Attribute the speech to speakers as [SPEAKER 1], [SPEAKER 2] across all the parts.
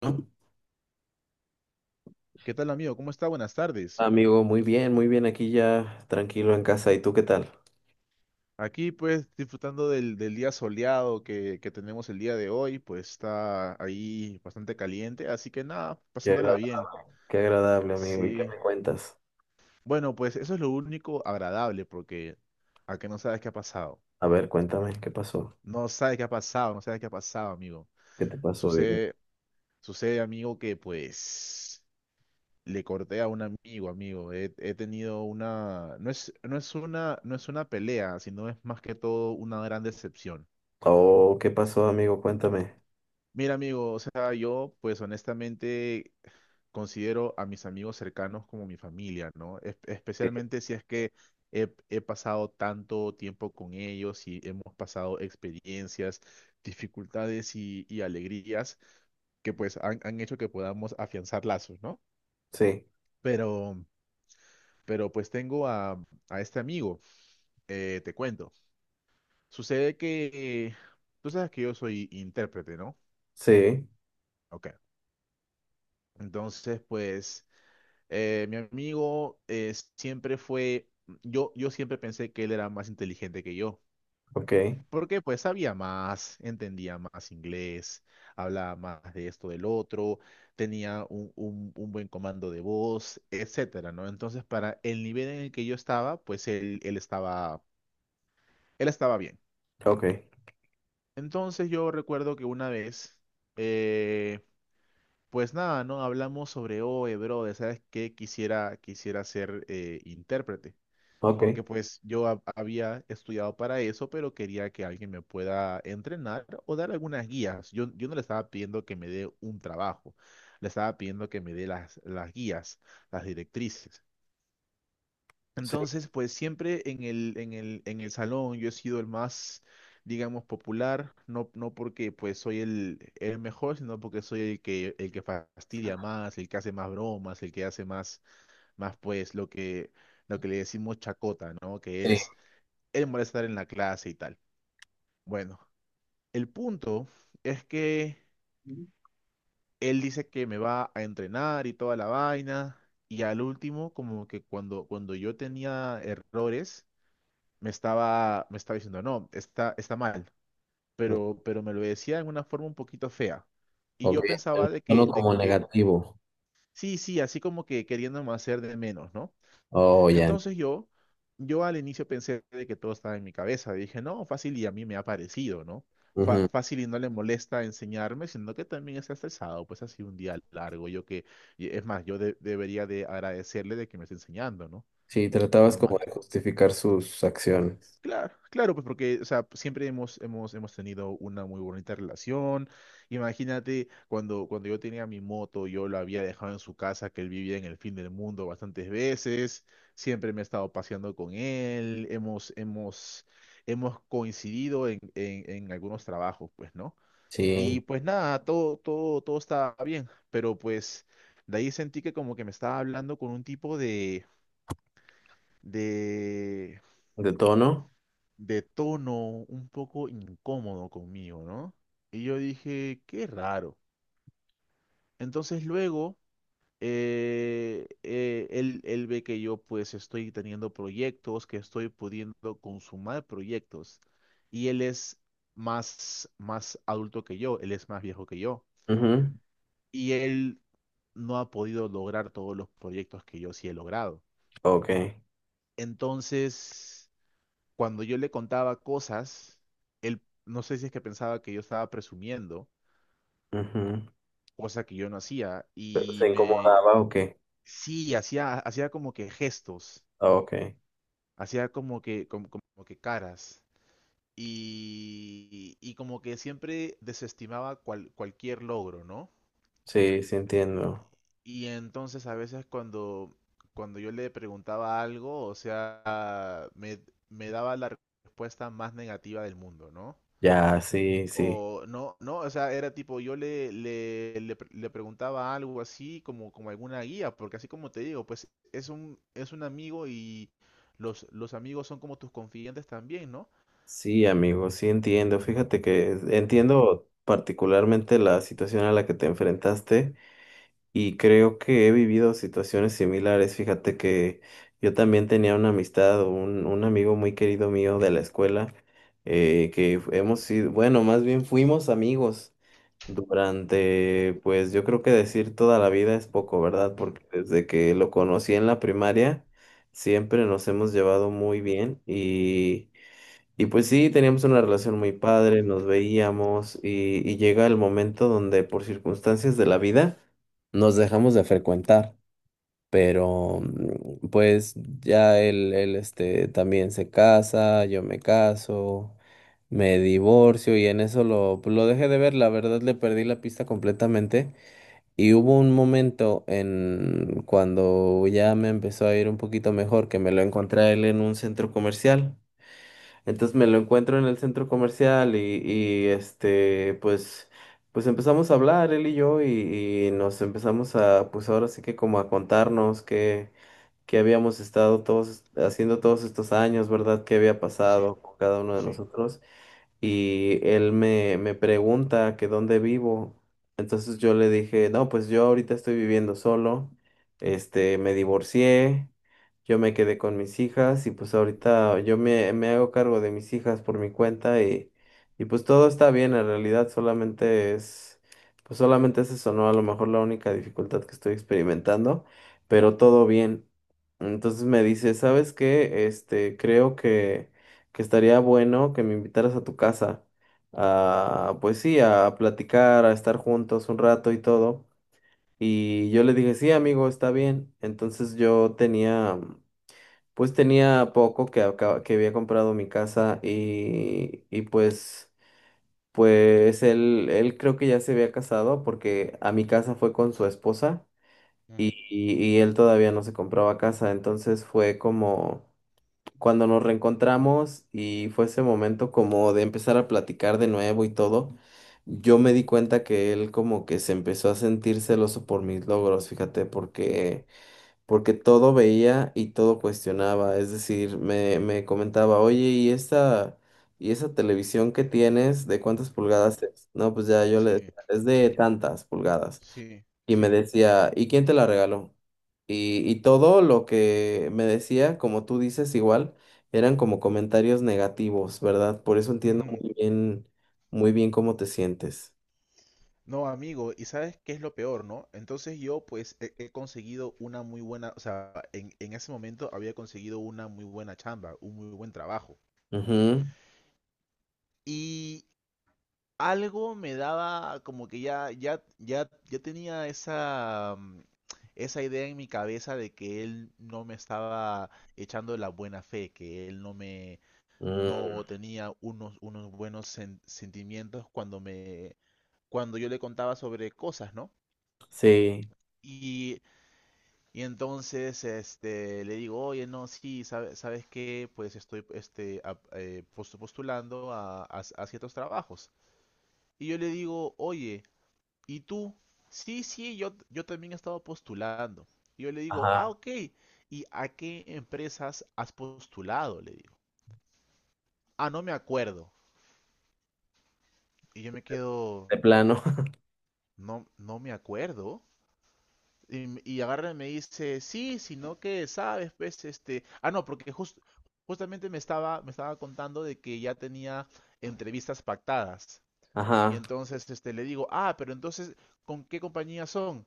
[SPEAKER 1] ¿No?
[SPEAKER 2] ¿Qué tal, amigo? ¿Cómo está? Buenas tardes.
[SPEAKER 1] Amigo, muy bien aquí ya, tranquilo en casa. ¿Y tú qué tal?
[SPEAKER 2] Aquí, pues, disfrutando del día soleado que tenemos el día de hoy, pues está ahí bastante caliente, así que nada,
[SPEAKER 1] Qué
[SPEAKER 2] pasándola
[SPEAKER 1] agrada-
[SPEAKER 2] bien.
[SPEAKER 1] Qué agradable, amigo. ¿Y qué
[SPEAKER 2] Sí.
[SPEAKER 1] me cuentas?
[SPEAKER 2] Bueno, pues eso es lo único agradable, porque a que no sabes qué ha pasado.
[SPEAKER 1] A ver, cuéntame, ¿qué pasó?
[SPEAKER 2] No sabes qué ha pasado, no sabes qué ha pasado, amigo.
[SPEAKER 1] ¿Qué te pasó? Dime.
[SPEAKER 2] Sucede, sucede, amigo, que pues le corté a un amigo, amigo. He tenido una, no es una pelea, sino es más que todo una gran decepción.
[SPEAKER 1] Oh, ¿qué pasó, amigo? Cuéntame.
[SPEAKER 2] Mira, amigo, o sea, yo pues honestamente considero a mis amigos cercanos como mi familia, ¿no?
[SPEAKER 1] Eh,
[SPEAKER 2] Especialmente si es que he pasado tanto tiempo con ellos y hemos pasado experiencias, dificultades y alegrías que pues han hecho que podamos afianzar lazos, ¿no?
[SPEAKER 1] Sí,
[SPEAKER 2] Pero, pero pues tengo a este amigo, te cuento. Sucede que, tú sabes que yo soy intérprete, ¿no?
[SPEAKER 1] sí,
[SPEAKER 2] Ok. Entonces, pues... mi amigo siempre fue, yo siempre pensé que él era más inteligente que yo,
[SPEAKER 1] ok,
[SPEAKER 2] porque pues sabía más, entendía más inglés, hablaba más de esto, del otro, tenía un, un buen comando de voz, etcétera, ¿no? Entonces, para el nivel en el que yo estaba, pues él estaba bien.
[SPEAKER 1] ok,
[SPEAKER 2] Entonces yo recuerdo que una vez, eh, pues nada, ¿no? Hablamos sobre, oye, brother, ¿sabes qué? Quisiera ser intérprete.
[SPEAKER 1] ok,
[SPEAKER 2] Porque pues yo había estudiado para eso, pero quería que alguien me pueda entrenar o dar algunas guías. Yo no le estaba pidiendo que me dé un trabajo, le estaba pidiendo que me dé las guías, las directrices.
[SPEAKER 1] sí.
[SPEAKER 2] Entonces, pues siempre en el salón yo he sido el más, digamos, popular, no, no porque pues soy el mejor, sino porque soy el que fastidia más, el que hace más bromas, el que hace más, más pues lo que le decimos chacota, ¿no? Que
[SPEAKER 1] Sí.
[SPEAKER 2] es él molestar en la clase y tal. Bueno, el punto es que él dice que me va a entrenar y toda la vaina, y al último, como que cuando yo tenía errores, me estaba diciendo, no, está mal, pero me lo decía en una forma un poquito fea. Y
[SPEAKER 1] Ok,
[SPEAKER 2] yo pensaba
[SPEAKER 1] el tono como negativo.
[SPEAKER 2] sí, sí, así como que queriéndome hacer de menos, ¿no?
[SPEAKER 1] Oh, ya.
[SPEAKER 2] Entonces yo al inicio pensé de que todo estaba en mi cabeza. Dije, no, fácil y a mí me ha parecido, ¿no?
[SPEAKER 1] Ujú.
[SPEAKER 2] Fácil y no le molesta enseñarme, sino que también está estresado, pues ha sido un día largo. Yo que, y es más, yo debería de agradecerle de que me esté enseñando, ¿no?
[SPEAKER 1] Sí, tratabas como
[SPEAKER 2] Normal.
[SPEAKER 1] de justificar sus acciones.
[SPEAKER 2] Claro, claro, pues porque, o sea, siempre hemos tenido una muy bonita relación. Imagínate cuando yo tenía mi moto, yo lo había dejado en su casa, que él vivía en el fin del mundo bastantes veces. Siempre me he estado paseando con él. Hemos coincidido en algunos trabajos, pues, ¿no? Y
[SPEAKER 1] Sí.
[SPEAKER 2] pues nada, todo estaba bien. Pero pues, de ahí sentí que como que me estaba hablando con un tipo de,
[SPEAKER 1] ¿De tono?
[SPEAKER 2] de tono un poco incómodo conmigo, ¿no? Y yo dije, qué raro. Entonces luego, él ve que yo pues estoy teniendo proyectos, que estoy pudiendo consumar proyectos. Y él es más, más adulto que yo, él es más viejo que yo.
[SPEAKER 1] Ujú.
[SPEAKER 2] Y él no ha podido lograr todos los proyectos que yo sí he logrado.
[SPEAKER 1] Ok.
[SPEAKER 2] Entonces... cuando yo le contaba cosas, él no sé si es que pensaba que yo estaba presumiendo,
[SPEAKER 1] Ujú.
[SPEAKER 2] cosa que yo no hacía,
[SPEAKER 1] ¿Pero
[SPEAKER 2] y
[SPEAKER 1] se
[SPEAKER 2] me
[SPEAKER 1] incomodaba o qué?
[SPEAKER 2] sí, hacía como que gestos,
[SPEAKER 1] Ah, ok,
[SPEAKER 2] hacía como que, como que caras. Y como que siempre desestimaba cualquier logro, ¿no?
[SPEAKER 1] sí, sí entiendo.
[SPEAKER 2] Y entonces a veces cuando yo le preguntaba algo, o sea, me daba la respuesta más negativa del mundo, ¿no?
[SPEAKER 1] Ya, sí, sí.
[SPEAKER 2] O no, no, o sea, era tipo, yo le preguntaba algo así, como alguna guía, porque así como te digo, pues es un amigo y los amigos son como tus confidentes también, ¿no?
[SPEAKER 1] Sí, amigo, sí entiendo. Fíjate que entiendo particularmente la situación a la que te enfrentaste. Y creo que he vivido situaciones similares. Fíjate que yo también tenía una amistad, un amigo muy querido mío de la escuela, que hemos sido, bueno, más bien fuimos amigos durante, pues yo creo que decir toda la vida es poco, ¿verdad? Porque desde que lo conocí en la primaria, siempre nos hemos llevado muy bien. Y... Y pues sí, teníamos una relación muy padre, nos veíamos, y llega el momento donde por circunstancias de la vida nos dejamos de frecuentar, pero pues ya él, también se casa, yo me caso, me divorcio y en eso lo, pues, lo dejé de ver, la verdad le perdí la pista completamente y hubo un momento en cuando ya me empezó a ir un poquito mejor que me lo encontré a él en un centro comercial. Entonces me lo encuentro en el centro comercial pues, pues empezamos a hablar él y yo y nos empezamos a, pues ahora sí que como a contarnos qué habíamos estado todos haciendo todos estos años, ¿verdad? ¿Qué había
[SPEAKER 2] Sí,
[SPEAKER 1] pasado con cada uno de
[SPEAKER 2] sí,
[SPEAKER 1] nosotros? Y él me pregunta que dónde vivo. Entonces yo le dije, no, pues yo ahorita estoy viviendo solo, este, me divorcié, yo me quedé con mis hijas y pues ahorita me hago cargo de mis hijas por mi cuenta, y pues todo está bien, en realidad solamente es, pues solamente es eso, ¿no? A lo mejor la única dificultad que estoy experimentando, pero todo bien. Entonces me dice, ¿sabes qué? Este, creo que estaría bueno que me invitaras a tu casa a, pues sí, a platicar, a estar juntos un rato y todo. Y yo le dije, sí, amigo, está bien. Entonces yo tenía, pues tenía poco que, que había comprado mi casa, y pues, pues él creo que ya se había casado porque a mi casa fue con su esposa,
[SPEAKER 2] ujú,
[SPEAKER 1] y él todavía no se compraba casa. Entonces fue como cuando nos reencontramos y fue ese momento como de empezar a platicar de nuevo y todo, yo me di cuenta que él como que se empezó a sentir celoso por mis logros, fíjate, porque porque todo veía y todo cuestionaba, es decir, me comentaba, "Oye, y esa televisión que tienes, de cuántas pulgadas es?". No, pues ya yo le
[SPEAKER 2] sí,
[SPEAKER 1] decía, "Es de tantas pulgadas".
[SPEAKER 2] sí,
[SPEAKER 1] Y me
[SPEAKER 2] sí.
[SPEAKER 1] decía, "¿Y quién te la regaló?". Y todo lo que me decía, como tú dices, igual, eran como comentarios negativos, ¿verdad? Por eso entiendo
[SPEAKER 2] Ujú.
[SPEAKER 1] muy bien cómo te sientes.
[SPEAKER 2] No, amigo, y sabes qué es lo peor, ¿no? Entonces yo pues he conseguido una muy buena, o sea, en ese momento había conseguido una muy buena chamba, un muy buen trabajo.
[SPEAKER 1] Ujú.
[SPEAKER 2] Y algo me daba como que ya tenía esa, esa idea en mi cabeza de que él no me estaba echando la buena fe, que él no me,
[SPEAKER 1] Mm,
[SPEAKER 2] no tenía unos, unos buenos sentimientos cuando me, cuando yo le contaba sobre cosas, ¿no?
[SPEAKER 1] sí,
[SPEAKER 2] Y, y entonces este, le digo, oye, no, sí, ¿sabes qué? Pues estoy este, postulando a, a ciertos trabajos. Y yo le digo, oye, ¿y tú? Sí, sí, yo también he estado postulando. Y yo le digo, ah,
[SPEAKER 1] ajá,
[SPEAKER 2] ok. ¿Y a qué empresas has postulado? Le digo. Ah, no me acuerdo. Y yo me
[SPEAKER 1] de,
[SPEAKER 2] quedo,
[SPEAKER 1] de plano,
[SPEAKER 2] no, no me acuerdo. Y, y agarra y me dice, sí, sino que, sabes, pues, este, ah, no, porque justamente me estaba contando de que ya tenía entrevistas pactadas. Y
[SPEAKER 1] ajá,
[SPEAKER 2] entonces, este, le digo, ah, pero entonces, ¿con qué compañía son?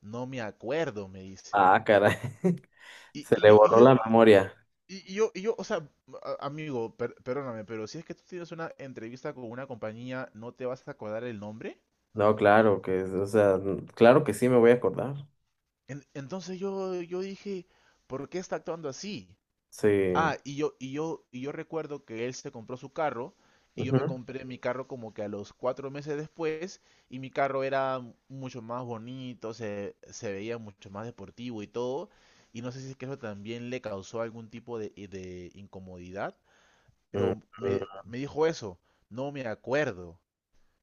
[SPEAKER 2] No me acuerdo, me dice.
[SPEAKER 1] ah, caray,
[SPEAKER 2] Y,
[SPEAKER 1] se
[SPEAKER 2] y
[SPEAKER 1] le
[SPEAKER 2] yo, y
[SPEAKER 1] borró
[SPEAKER 2] yo,
[SPEAKER 1] la memoria.
[SPEAKER 2] Y yo, o sea, amigo, perdóname, pero si es que tú tienes una entrevista con una compañía, ¿no te vas a acordar el nombre?
[SPEAKER 1] No, claro que, o sea, mm, claro que sí me voy a acordar.
[SPEAKER 2] Entonces yo dije, ¿por qué está actuando así?
[SPEAKER 1] Sí,
[SPEAKER 2] Ah, y yo recuerdo que él se compró su carro y yo
[SPEAKER 1] ujú,
[SPEAKER 2] me compré mi carro como que a los cuatro meses después y mi carro era mucho más bonito, se veía mucho más deportivo y todo. Y no sé si es que eso también le causó algún tipo de incomodidad.
[SPEAKER 1] mm,
[SPEAKER 2] Pero
[SPEAKER 1] mm,
[SPEAKER 2] me dijo eso, no me acuerdo.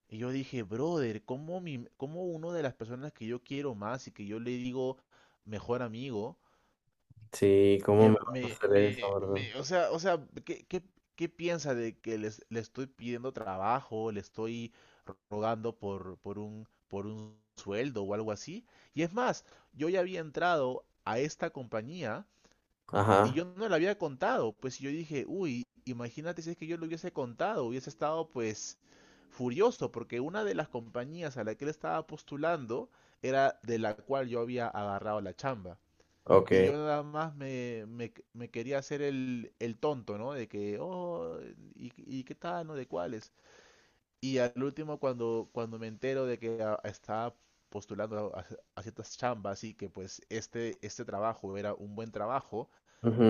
[SPEAKER 2] Y yo dije, brother, ¿cómo, mi, cómo una de las personas que yo quiero más y que yo le digo mejor amigo,
[SPEAKER 1] sí, ¿cómo me vas a hacer eso, verdad?
[SPEAKER 2] o sea, ¿qué, qué, qué piensa de que le estoy pidiendo trabajo, le estoy rogando por un sueldo o algo así? Y es más, yo ya había entrado a esta compañía y
[SPEAKER 1] Ajá,
[SPEAKER 2] yo no le había contado, pues y yo dije, uy, imagínate si es que yo lo hubiese contado, hubiese estado pues furioso, porque una de las compañías a la que él estaba postulando era de la cual yo había agarrado la chamba. Y yo
[SPEAKER 1] ok.
[SPEAKER 2] nada más me quería hacer el tonto, ¿no? De que, oh, y qué tal, no? ¿De cuáles? Y al último, cuando me entero de que estaba postulando a ciertas chambas y que pues este trabajo era un buen trabajo,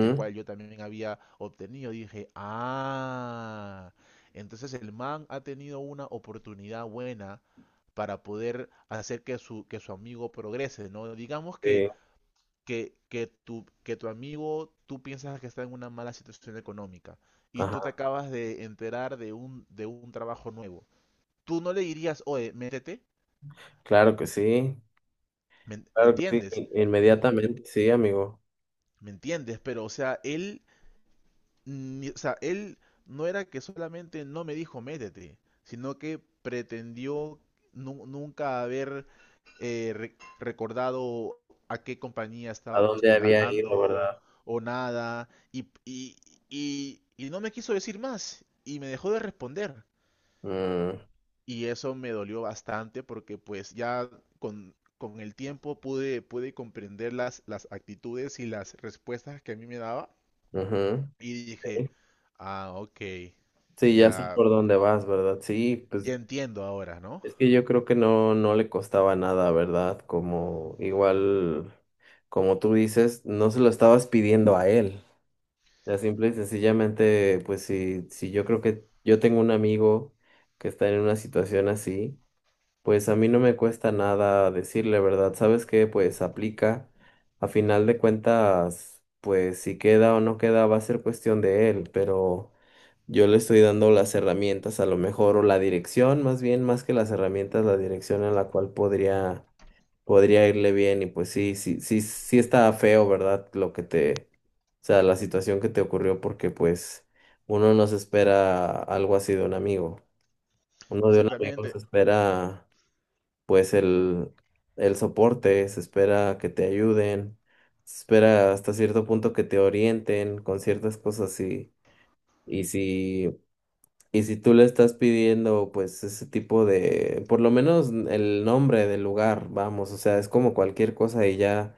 [SPEAKER 2] el cual yo también había obtenido. Dije, ah, entonces el man ha tenido una oportunidad buena para poder hacer que su amigo progrese, ¿no? Digamos que,
[SPEAKER 1] Sí,
[SPEAKER 2] tu, que tu amigo, tú piensas que está en una mala situación económica y tú te
[SPEAKER 1] ajá,
[SPEAKER 2] acabas de enterar de un trabajo nuevo. Tú no le dirías, oye, métete,
[SPEAKER 1] claro que sí,
[SPEAKER 2] ¿me
[SPEAKER 1] claro que sí,
[SPEAKER 2] entiendes?
[SPEAKER 1] inmediatamente, sí, amigo.
[SPEAKER 2] ¿Me entiendes? Pero, o sea, él o sea, él no era que solamente no me dijo métete, sino que pretendió nunca haber recordado a qué compañía
[SPEAKER 1] ¿A
[SPEAKER 2] estaba
[SPEAKER 1] dónde había ido,
[SPEAKER 2] postulando
[SPEAKER 1] verdad?
[SPEAKER 2] o nada, y no me quiso decir más, y me dejó de responder.
[SPEAKER 1] Mm,
[SPEAKER 2] Y eso me dolió bastante porque pues ya con el tiempo pude comprender las actitudes y las respuestas que a mí me daba
[SPEAKER 1] ujú.
[SPEAKER 2] y dije,
[SPEAKER 1] Sí,
[SPEAKER 2] ah, ok,
[SPEAKER 1] sí, ya sé
[SPEAKER 2] ya,
[SPEAKER 1] por dónde vas, ¿verdad? Sí, pues
[SPEAKER 2] ya entiendo ahora, ¿no?
[SPEAKER 1] es que yo creo que no le costaba nada, ¿verdad? Como igual, como tú dices, no se lo estabas pidiendo a él. Ya simple y sencillamente, pues sí, sí, yo creo que yo tengo un amigo que está en una situación así. Pues a mí no me cuesta nada decirle, ¿verdad? ¿Sabes qué? Pues aplica. A final de cuentas, pues si queda o no queda va a ser cuestión de él, pero yo le estoy dando las herramientas a lo mejor o la dirección, más bien, más que las herramientas, la dirección en la cual podría podría irle bien. Y pues sí, sí, sí, sí está feo, ¿verdad? Lo que te, o sea, la situación que te ocurrió, porque pues uno no se espera algo así de un amigo. Uno de un amigo
[SPEAKER 2] Exactamente.
[SPEAKER 1] se espera pues el soporte, se espera que te ayuden, se espera hasta cierto punto que te orienten con ciertas cosas. Y si, y si tú le estás pidiendo pues ese tipo de, por lo menos el nombre del lugar, vamos, o sea, es como cualquier cosa y ya.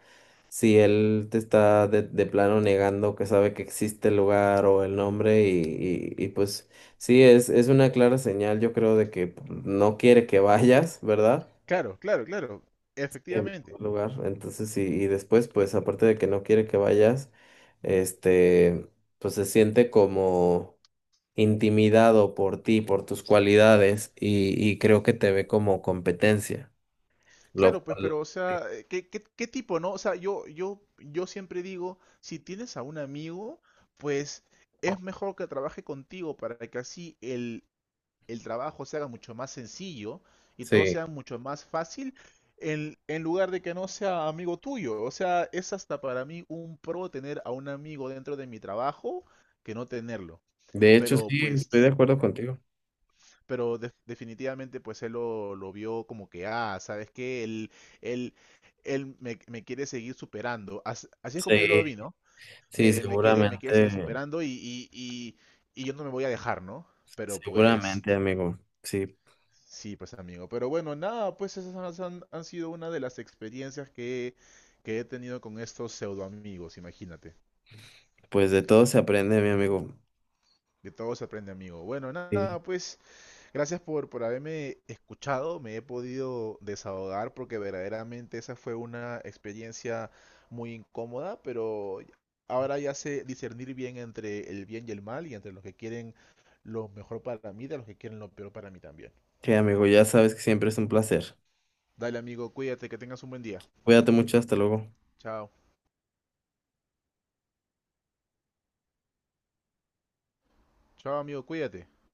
[SPEAKER 1] Si él te está de plano negando que sabe que existe el lugar o el nombre y pues sí, es una clara señal yo creo de que pues, no quiere que vayas, ¿verdad?
[SPEAKER 2] Claro, claro, claro,
[SPEAKER 1] Y en
[SPEAKER 2] efectivamente.
[SPEAKER 1] primer lugar. Entonces, y después, pues aparte de que no quiere que vayas, este, pues se siente como intimidado por ti, por tus cualidades, y creo que te ve como competencia. Lo
[SPEAKER 2] Claro, pues,
[SPEAKER 1] cual,
[SPEAKER 2] pero, o sea, ¿qué, qué, qué tipo, no? O sea, yo siempre digo, si tienes a un amigo, pues es mejor que trabaje contigo para que así el trabajo se haga mucho más sencillo y todo
[SPEAKER 1] sí.
[SPEAKER 2] sea mucho más fácil en lugar de que no sea amigo tuyo. O sea, es hasta para mí un pro tener a un amigo dentro de mi trabajo que no tenerlo.
[SPEAKER 1] De hecho,
[SPEAKER 2] Pero
[SPEAKER 1] sí, estoy de
[SPEAKER 2] pues,
[SPEAKER 1] acuerdo
[SPEAKER 2] ¿no?
[SPEAKER 1] contigo.
[SPEAKER 2] Pero definitivamente pues él lo vio como que, ah, ¿sabes qué? Él, Él me, me quiere seguir superando. Así, es como yo lo
[SPEAKER 1] Sí,
[SPEAKER 2] vi, ¿no?
[SPEAKER 1] sí,
[SPEAKER 2] Me quiere seguir
[SPEAKER 1] seguramente,
[SPEAKER 2] superando y, y yo no me voy a dejar, ¿no? Pero pues...
[SPEAKER 1] seguramente, amigo. Sí,
[SPEAKER 2] Sí, pues amigo. Pero bueno, nada, pues esas han sido una de las experiencias que he tenido con estos pseudo amigos, imagínate.
[SPEAKER 1] pues de todo se aprende, mi amigo.
[SPEAKER 2] De todo se aprende, amigo. Bueno,
[SPEAKER 1] Sí.
[SPEAKER 2] nada, pues gracias por haberme escuchado, me he podido desahogar porque verdaderamente esa fue una experiencia muy incómoda, pero ahora ya sé discernir bien entre el bien y el mal y entre los que quieren lo mejor para mí de los que quieren lo peor para mí también.
[SPEAKER 1] Sí, amigo, ya sabes que siempre es un placer.
[SPEAKER 2] Dale, amigo, cuídate, que tengas un buen día.
[SPEAKER 1] Cuídate mucho, hasta luego.
[SPEAKER 2] Chao. Chao, amigo, cuídate.